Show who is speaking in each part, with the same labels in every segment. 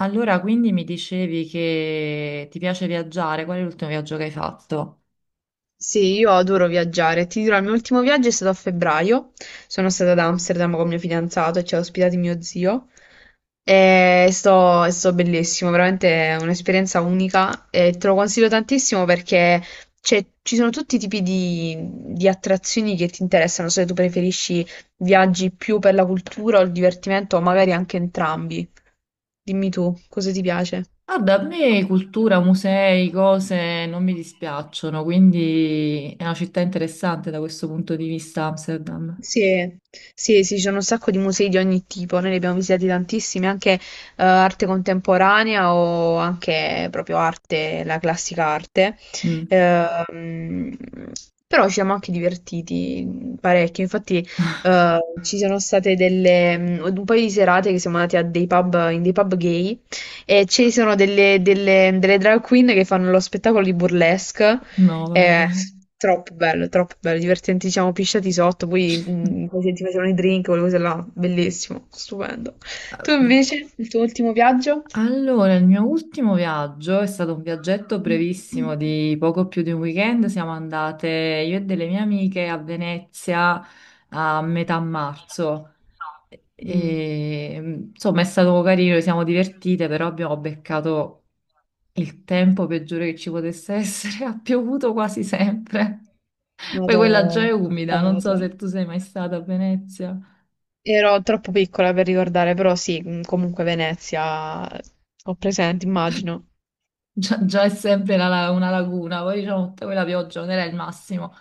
Speaker 1: Allora, quindi mi dicevi che ti piace viaggiare, qual è l'ultimo viaggio che hai fatto?
Speaker 2: Sì, io adoro viaggiare. Ti dirò, il mio ultimo viaggio è stato a febbraio. Sono stata ad Amsterdam con mio fidanzato e ci ha ospitati mio zio. È stato bellissimo, veramente è un'esperienza unica e te lo consiglio tantissimo perché ci sono tutti i tipi di attrazioni che ti interessano, se tu preferisci viaggi più per la cultura o il divertimento, o magari anche entrambi. Dimmi tu, cosa ti piace?
Speaker 1: Guarda, a me cultura, musei, cose non mi dispiacciono, quindi è una città interessante da questo punto di vista, Amsterdam.
Speaker 2: Sì, sì, sì, ci sono un sacco di musei di ogni tipo, noi ne abbiamo visitati tantissimi, anche arte contemporanea o anche proprio arte, la classica arte.
Speaker 1: Mm.
Speaker 2: Ehm, Però ci siamo anche divertiti parecchio, infatti ci sono state un paio di serate che siamo andati a dei pub, in dei pub gay e ci sono delle drag queen che fanno lo spettacolo di burlesque,
Speaker 1: No, vabbè.
Speaker 2: eh, troppo bello, divertenti, ci siamo pisciati sotto, poi poi ti facevano i drink, quelle cose là, bellissimo, stupendo. Tu invece, il tuo ultimo viaggio?
Speaker 1: Allora, il mio ultimo viaggio è stato un viaggetto brevissimo di poco più di un weekend. Siamo andate io e delle mie amiche a Venezia a metà marzo.
Speaker 2: Mm.
Speaker 1: E, insomma, è stato carino, ci siamo divertite, però abbiamo beccato il tempo peggiore che ci potesse essere. Ha piovuto quasi sempre. Poi quella già
Speaker 2: Vado,
Speaker 1: è umida, non so
Speaker 2: vado.
Speaker 1: se tu sei mai stata a Venezia.
Speaker 2: Ero troppo piccola per ricordare, però sì, comunque Venezia, ho presente, immagino.
Speaker 1: Già, già è sempre una laguna, poi diciamo tutta quella pioggia non era il massimo.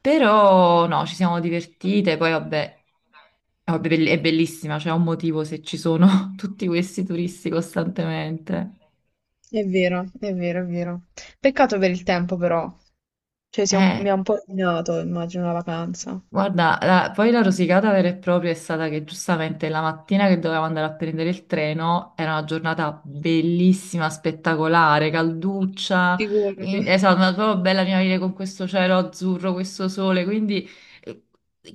Speaker 1: Però no, ci siamo divertite, poi vabbè, è bellissima, c'è un motivo se ci sono tutti questi turisti costantemente.
Speaker 2: È vero, è vero, è vero. Peccato per il tempo, però. Cioè, si è
Speaker 1: Eh.
Speaker 2: mi ha un po' rovinato, immagino, la vacanza.
Speaker 1: Guarda, poi la rosicata vera e propria è stata che giustamente la mattina che dovevamo andare a prendere il treno era una giornata bellissima, spettacolare, calduccia,
Speaker 2: Figurati.
Speaker 1: esatto, una proprio bella primavera con questo cielo azzurro, questo sole, quindi eh,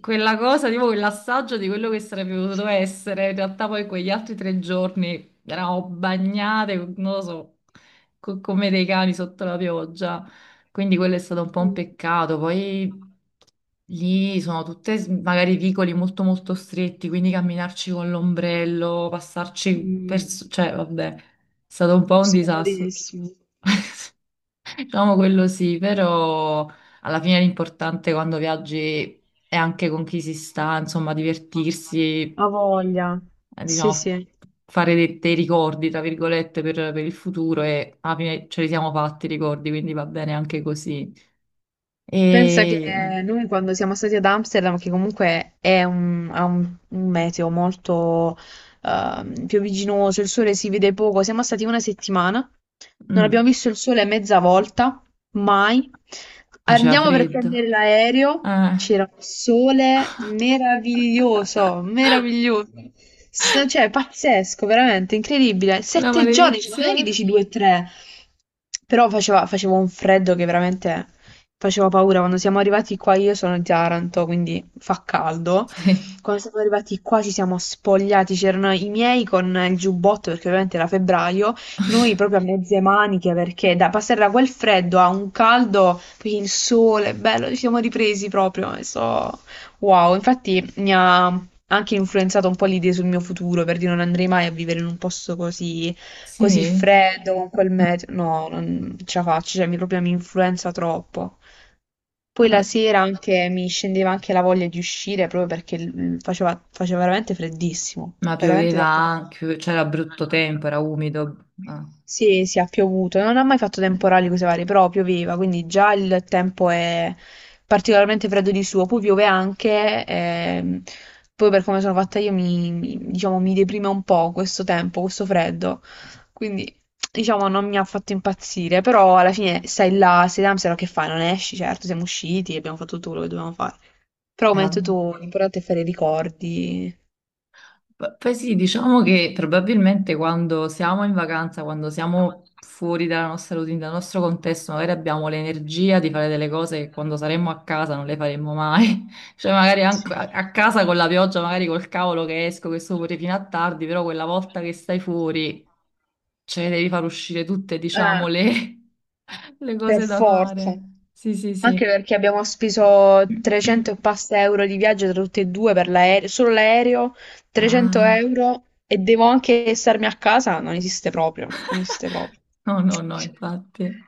Speaker 1: quella cosa, tipo quell'assaggio di quello che sarebbe potuto essere, in realtà poi quegli altri 3 giorni eravamo bagnate, non lo so, come dei cani sotto la pioggia, quindi quello è stato un po' un
Speaker 2: Mm.
Speaker 1: peccato, poi. Lì sono magari vicoli molto molto stretti, quindi camminarci con l'ombrello, passarci per
Speaker 2: Mm.
Speaker 1: cioè vabbè, è stato un po' un disastro.
Speaker 2: Scomodatissimo.
Speaker 1: Diciamo quello sì, però alla fine l'importante quando viaggi è anche con chi si sta, insomma, divertirsi,
Speaker 2: Ha voglia.
Speaker 1: diciamo,
Speaker 2: Sì, sì.
Speaker 1: fare dei ricordi, tra virgolette, per il futuro e alla fine ce li siamo fatti i ricordi, quindi va bene anche così.
Speaker 2: Pensa che
Speaker 1: E.
Speaker 2: noi quando siamo stati ad Amsterdam, che comunque ha un meteo molto piombiginoso, il sole si vede poco, siamo stati una settimana, non abbiamo
Speaker 1: mm,
Speaker 2: visto il sole mezza volta, mai.
Speaker 1: Faceva
Speaker 2: Andiamo per prendere
Speaker 1: freddo.
Speaker 2: l'aereo,
Speaker 1: Ah,
Speaker 2: c'era un sole meraviglioso, meraviglioso, cioè pazzesco, veramente incredibile.
Speaker 1: una
Speaker 2: Sette giorni, cioè, non è che
Speaker 1: maledizione?
Speaker 2: dici due o tre, però faceva un freddo che veramente faceva paura. Quando siamo arrivati qua, io sono di Taranto, quindi fa caldo.
Speaker 1: Sì.
Speaker 2: Quando siamo arrivati qua ci siamo spogliati, c'erano i miei con il giubbotto perché ovviamente era febbraio, noi proprio a mezze maniche perché da passare da quel freddo a un caldo, poi il sole, bello, ci siamo ripresi proprio, e so, wow, infatti mi ha anche influenzato un po' l'idea sul mio futuro, per dire non andrei mai a vivere in un posto così, così
Speaker 1: Sì.
Speaker 2: freddo, con quel meteo, no, non ce la faccio, cioè mi proprio mi influenza troppo. Poi la sera anche mi scendeva anche la voglia di uscire proprio perché faceva veramente freddissimo,
Speaker 1: Ma
Speaker 2: veramente
Speaker 1: pioveva
Speaker 2: tanto.
Speaker 1: anche, c'era brutto tempo, era umido. Ah.
Speaker 2: Sì, sì, ha piovuto, non ha mai fatto temporali cose varie, però pioveva, quindi già il tempo è particolarmente freddo di suo, poi piove anche, poi per come sono fatta io diciamo, mi deprime un po' questo tempo, questo freddo, quindi diciamo non mi ha fatto impazzire, però alla fine stai là, sei da Amsterdam, che fai? Non esci, certo, siamo usciti, abbiamo fatto tutto quello che dovevamo fare, però come hai detto
Speaker 1: Eh,
Speaker 2: tu, l'importante è fare i ricordi.
Speaker 1: Poi sì, diciamo che probabilmente quando siamo in vacanza, quando siamo fuori dalla nostra routine, dal nostro contesto, magari abbiamo l'energia di fare delle cose che quando saremmo a casa non le faremmo mai. Cioè, magari
Speaker 2: Sì.
Speaker 1: anche a casa con la pioggia, magari col cavolo che esco, che sto pure fino a tardi, però quella volta che stai fuori. Cioè, devi far uscire tutte,
Speaker 2: Eh,
Speaker 1: diciamo, le, le
Speaker 2: per
Speaker 1: cose da fare.
Speaker 2: forza.
Speaker 1: Sì, sì, sì.
Speaker 2: Anche perché abbiamo speso 300 e passa euro di viaggio tra tutti e due per l'aereo, solo l'aereo, 300
Speaker 1: Ah,
Speaker 2: euro e devo anche starmi a casa, non esiste proprio, non esiste proprio.
Speaker 1: no, no, no, infatti.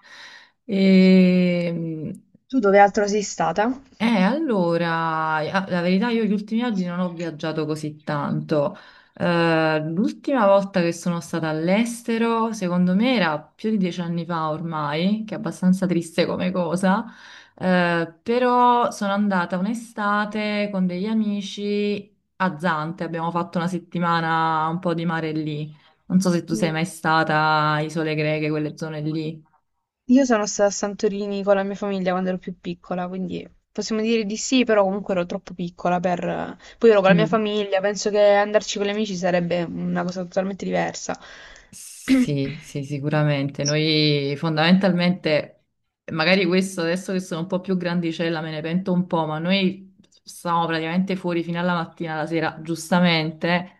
Speaker 1: Ehm,
Speaker 2: Tu dove altro sei stata?
Speaker 1: Allora, la verità io gli ultimi anni non ho viaggiato così tanto. L'ultima volta che sono stata all'estero, secondo me era più di 10 anni fa ormai, che è abbastanza triste come cosa, però sono andata un'estate con degli amici a Zante, abbiamo fatto una settimana un po' di mare lì. Non so se tu sei mai
Speaker 2: Mm.
Speaker 1: stata a Isole Greche, quelle zone lì.
Speaker 2: Io sono stata a Santorini con la mia famiglia quando ero più piccola, quindi possiamo dire di sì, però comunque ero troppo piccola per... Poi ero con la mia
Speaker 1: Mm.
Speaker 2: famiglia, penso che andarci con gli amici sarebbe una cosa totalmente diversa.
Speaker 1: Sì, sì, sicuramente.
Speaker 2: Sì.
Speaker 1: Noi fondamentalmente, magari questo adesso che sono un po' più grandicella me ne pento un po', ma noi stavamo praticamente fuori fino alla mattina, alla sera, giustamente.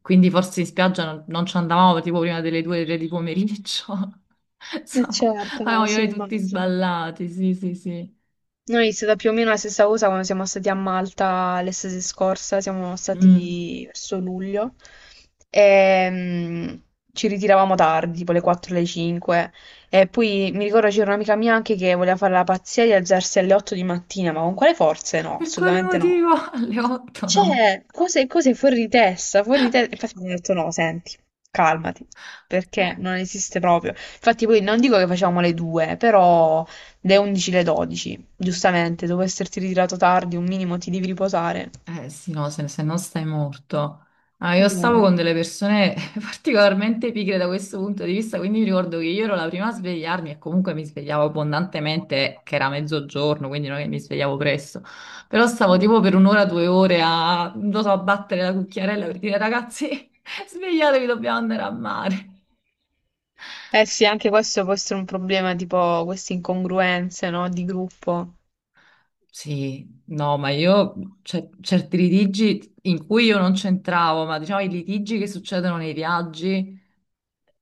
Speaker 1: Quindi forse in spiaggia non ci andavamo tipo prima delle due, tre di pomeriggio.
Speaker 2: Eh
Speaker 1: Insomma,
Speaker 2: certo, no,
Speaker 1: avevamo gli
Speaker 2: sì,
Speaker 1: ori tutti
Speaker 2: immagino.
Speaker 1: sballati, sì, sì, sì.
Speaker 2: Noi è stata più o meno la stessa cosa quando siamo stati a Malta l'estate scorsa, siamo
Speaker 1: Mm.
Speaker 2: stati verso luglio e ci ritiravamo tardi, tipo le 4 le 5 e poi mi ricordo c'era un'amica mia anche che voleva fare la pazzia di alzarsi alle 8 di mattina, ma con quale forze? No,
Speaker 1: Per quale
Speaker 2: assolutamente no.
Speaker 1: motivo? Alle 8 no.
Speaker 2: Cioè, cose, cose fuori di testa, fuori di testa. Infatti mi hanno detto no, senti, calmati, perché non esiste proprio. Infatti poi non dico che facevamo le due, però le 11, le 12, giustamente, dopo esserti ritirato tardi, un minimo ti devi riposare.
Speaker 1: Eh sì, no, se non stai morto. Ah, io stavo
Speaker 2: No.
Speaker 1: con delle persone particolarmente pigre da questo punto di vista, quindi mi ricordo che io ero la prima a svegliarmi e comunque mi svegliavo abbondantemente, che era mezzogiorno, quindi non è che mi svegliavo presto. Però stavo
Speaker 2: Mm.
Speaker 1: tipo per un'ora, 2 ore a, non lo so, a battere la cucchiarella per dire ragazzi, svegliatevi, dobbiamo andare a mare.
Speaker 2: Eh sì, anche questo può essere un problema, tipo queste incongruenze, no, di gruppo.
Speaker 1: Sì, no, ma io cioè, certi litigi in cui io non c'entravo, ma diciamo i litigi che succedono nei viaggi.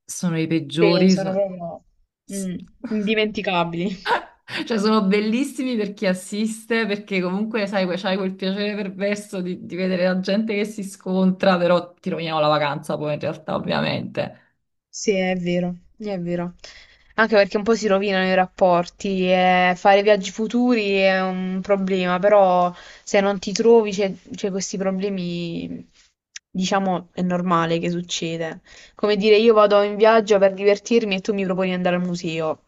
Speaker 1: Sono i
Speaker 2: Sì,
Speaker 1: peggiori.
Speaker 2: sono proprio.
Speaker 1: S-
Speaker 2: Mm. Indimenticabili.
Speaker 1: Cioè, sono bellissimi per chi assiste, perché comunque, sai, c'hai quel piacere perverso di vedere la gente che si scontra, però ti rovinano la vacanza poi in realtà, ovviamente.
Speaker 2: Sì, è vero, è vero. Anche perché un po' si rovinano i rapporti e fare viaggi futuri è un problema, però se non ti trovi c'è questi problemi, diciamo, è normale che succeda. Come dire, io vado in viaggio per divertirmi e tu mi proponi di andare al museo.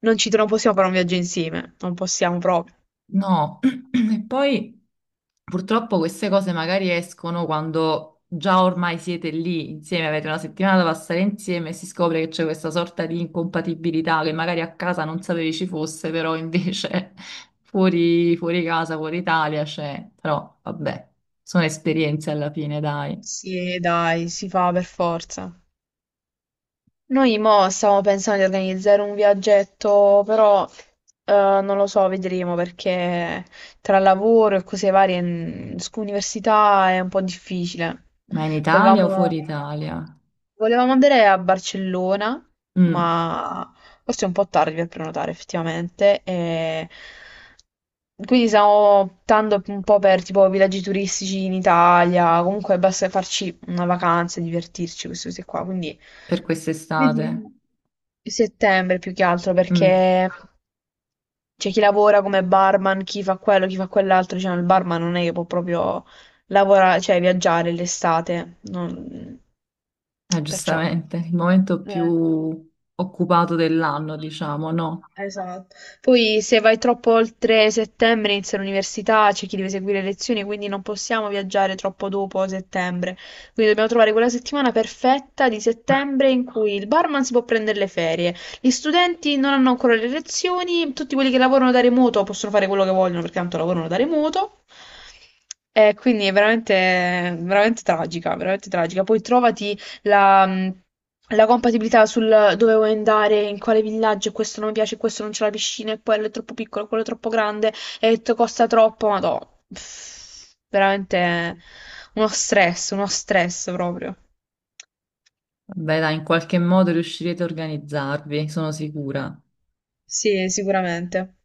Speaker 2: Non ci tro- Non possiamo fare un viaggio insieme, non possiamo proprio.
Speaker 1: No, e poi purtroppo queste cose magari escono quando già ormai siete lì insieme, avete una settimana
Speaker 2: Mm.
Speaker 1: da passare insieme e si scopre che c'è questa sorta di incompatibilità che magari a casa non sapevi ci fosse, però invece fuori, fuori casa, fuori Italia c'è. Però vabbè, sono esperienze alla fine, dai.
Speaker 2: Sì, dai, si fa per forza. Noi mo stiamo pensando di organizzare un viaggetto, però eh, non lo so, vedremo perché tra lavoro e cose varie, università è un po' difficile.
Speaker 1: Ma in Italia o
Speaker 2: Volevamo,
Speaker 1: fuori Italia?
Speaker 2: volevamo andare a Barcellona,
Speaker 1: Mm,
Speaker 2: ma forse è un po' tardi per prenotare effettivamente. E quindi stiamo optando un po' per tipo villaggi turistici in Italia, comunque basta farci una vacanza e divertirci, queste cose qua. Quindi.
Speaker 1: per quest'estate?
Speaker 2: Vedremo. Settembre più che altro
Speaker 1: Mm.
Speaker 2: perché c'è chi lavora come barman, chi fa quello, chi fa quell'altro, cioè il barman non è che può proprio lavorare, cioè viaggiare l'estate, perciò.
Speaker 1: Giustamente, il momento più
Speaker 2: Eh.
Speaker 1: occupato dell'anno, diciamo, no?
Speaker 2: Esatto. Poi se vai troppo oltre settembre inizia l'università, c'è chi deve seguire le lezioni, quindi non possiamo viaggiare troppo dopo settembre. Quindi dobbiamo trovare quella settimana perfetta di settembre in cui il barman si può prendere le ferie, gli studenti non hanno ancora le lezioni, tutti quelli che lavorano da remoto possono fare quello che vogliono perché tanto lavorano da remoto. E quindi è veramente, veramente tragica, veramente tragica. Poi trovati la, mm, la compatibilità sul dove vuoi andare, in quale villaggio, questo non mi piace, questo non c'è la piscina, e quello è troppo piccolo, quello è troppo grande, e costa troppo, ma no, pff, veramente uno stress proprio.
Speaker 1: Beh, dai, in qualche modo riuscirete a organizzarvi, sono sicura.
Speaker 2: Sì, sicuramente.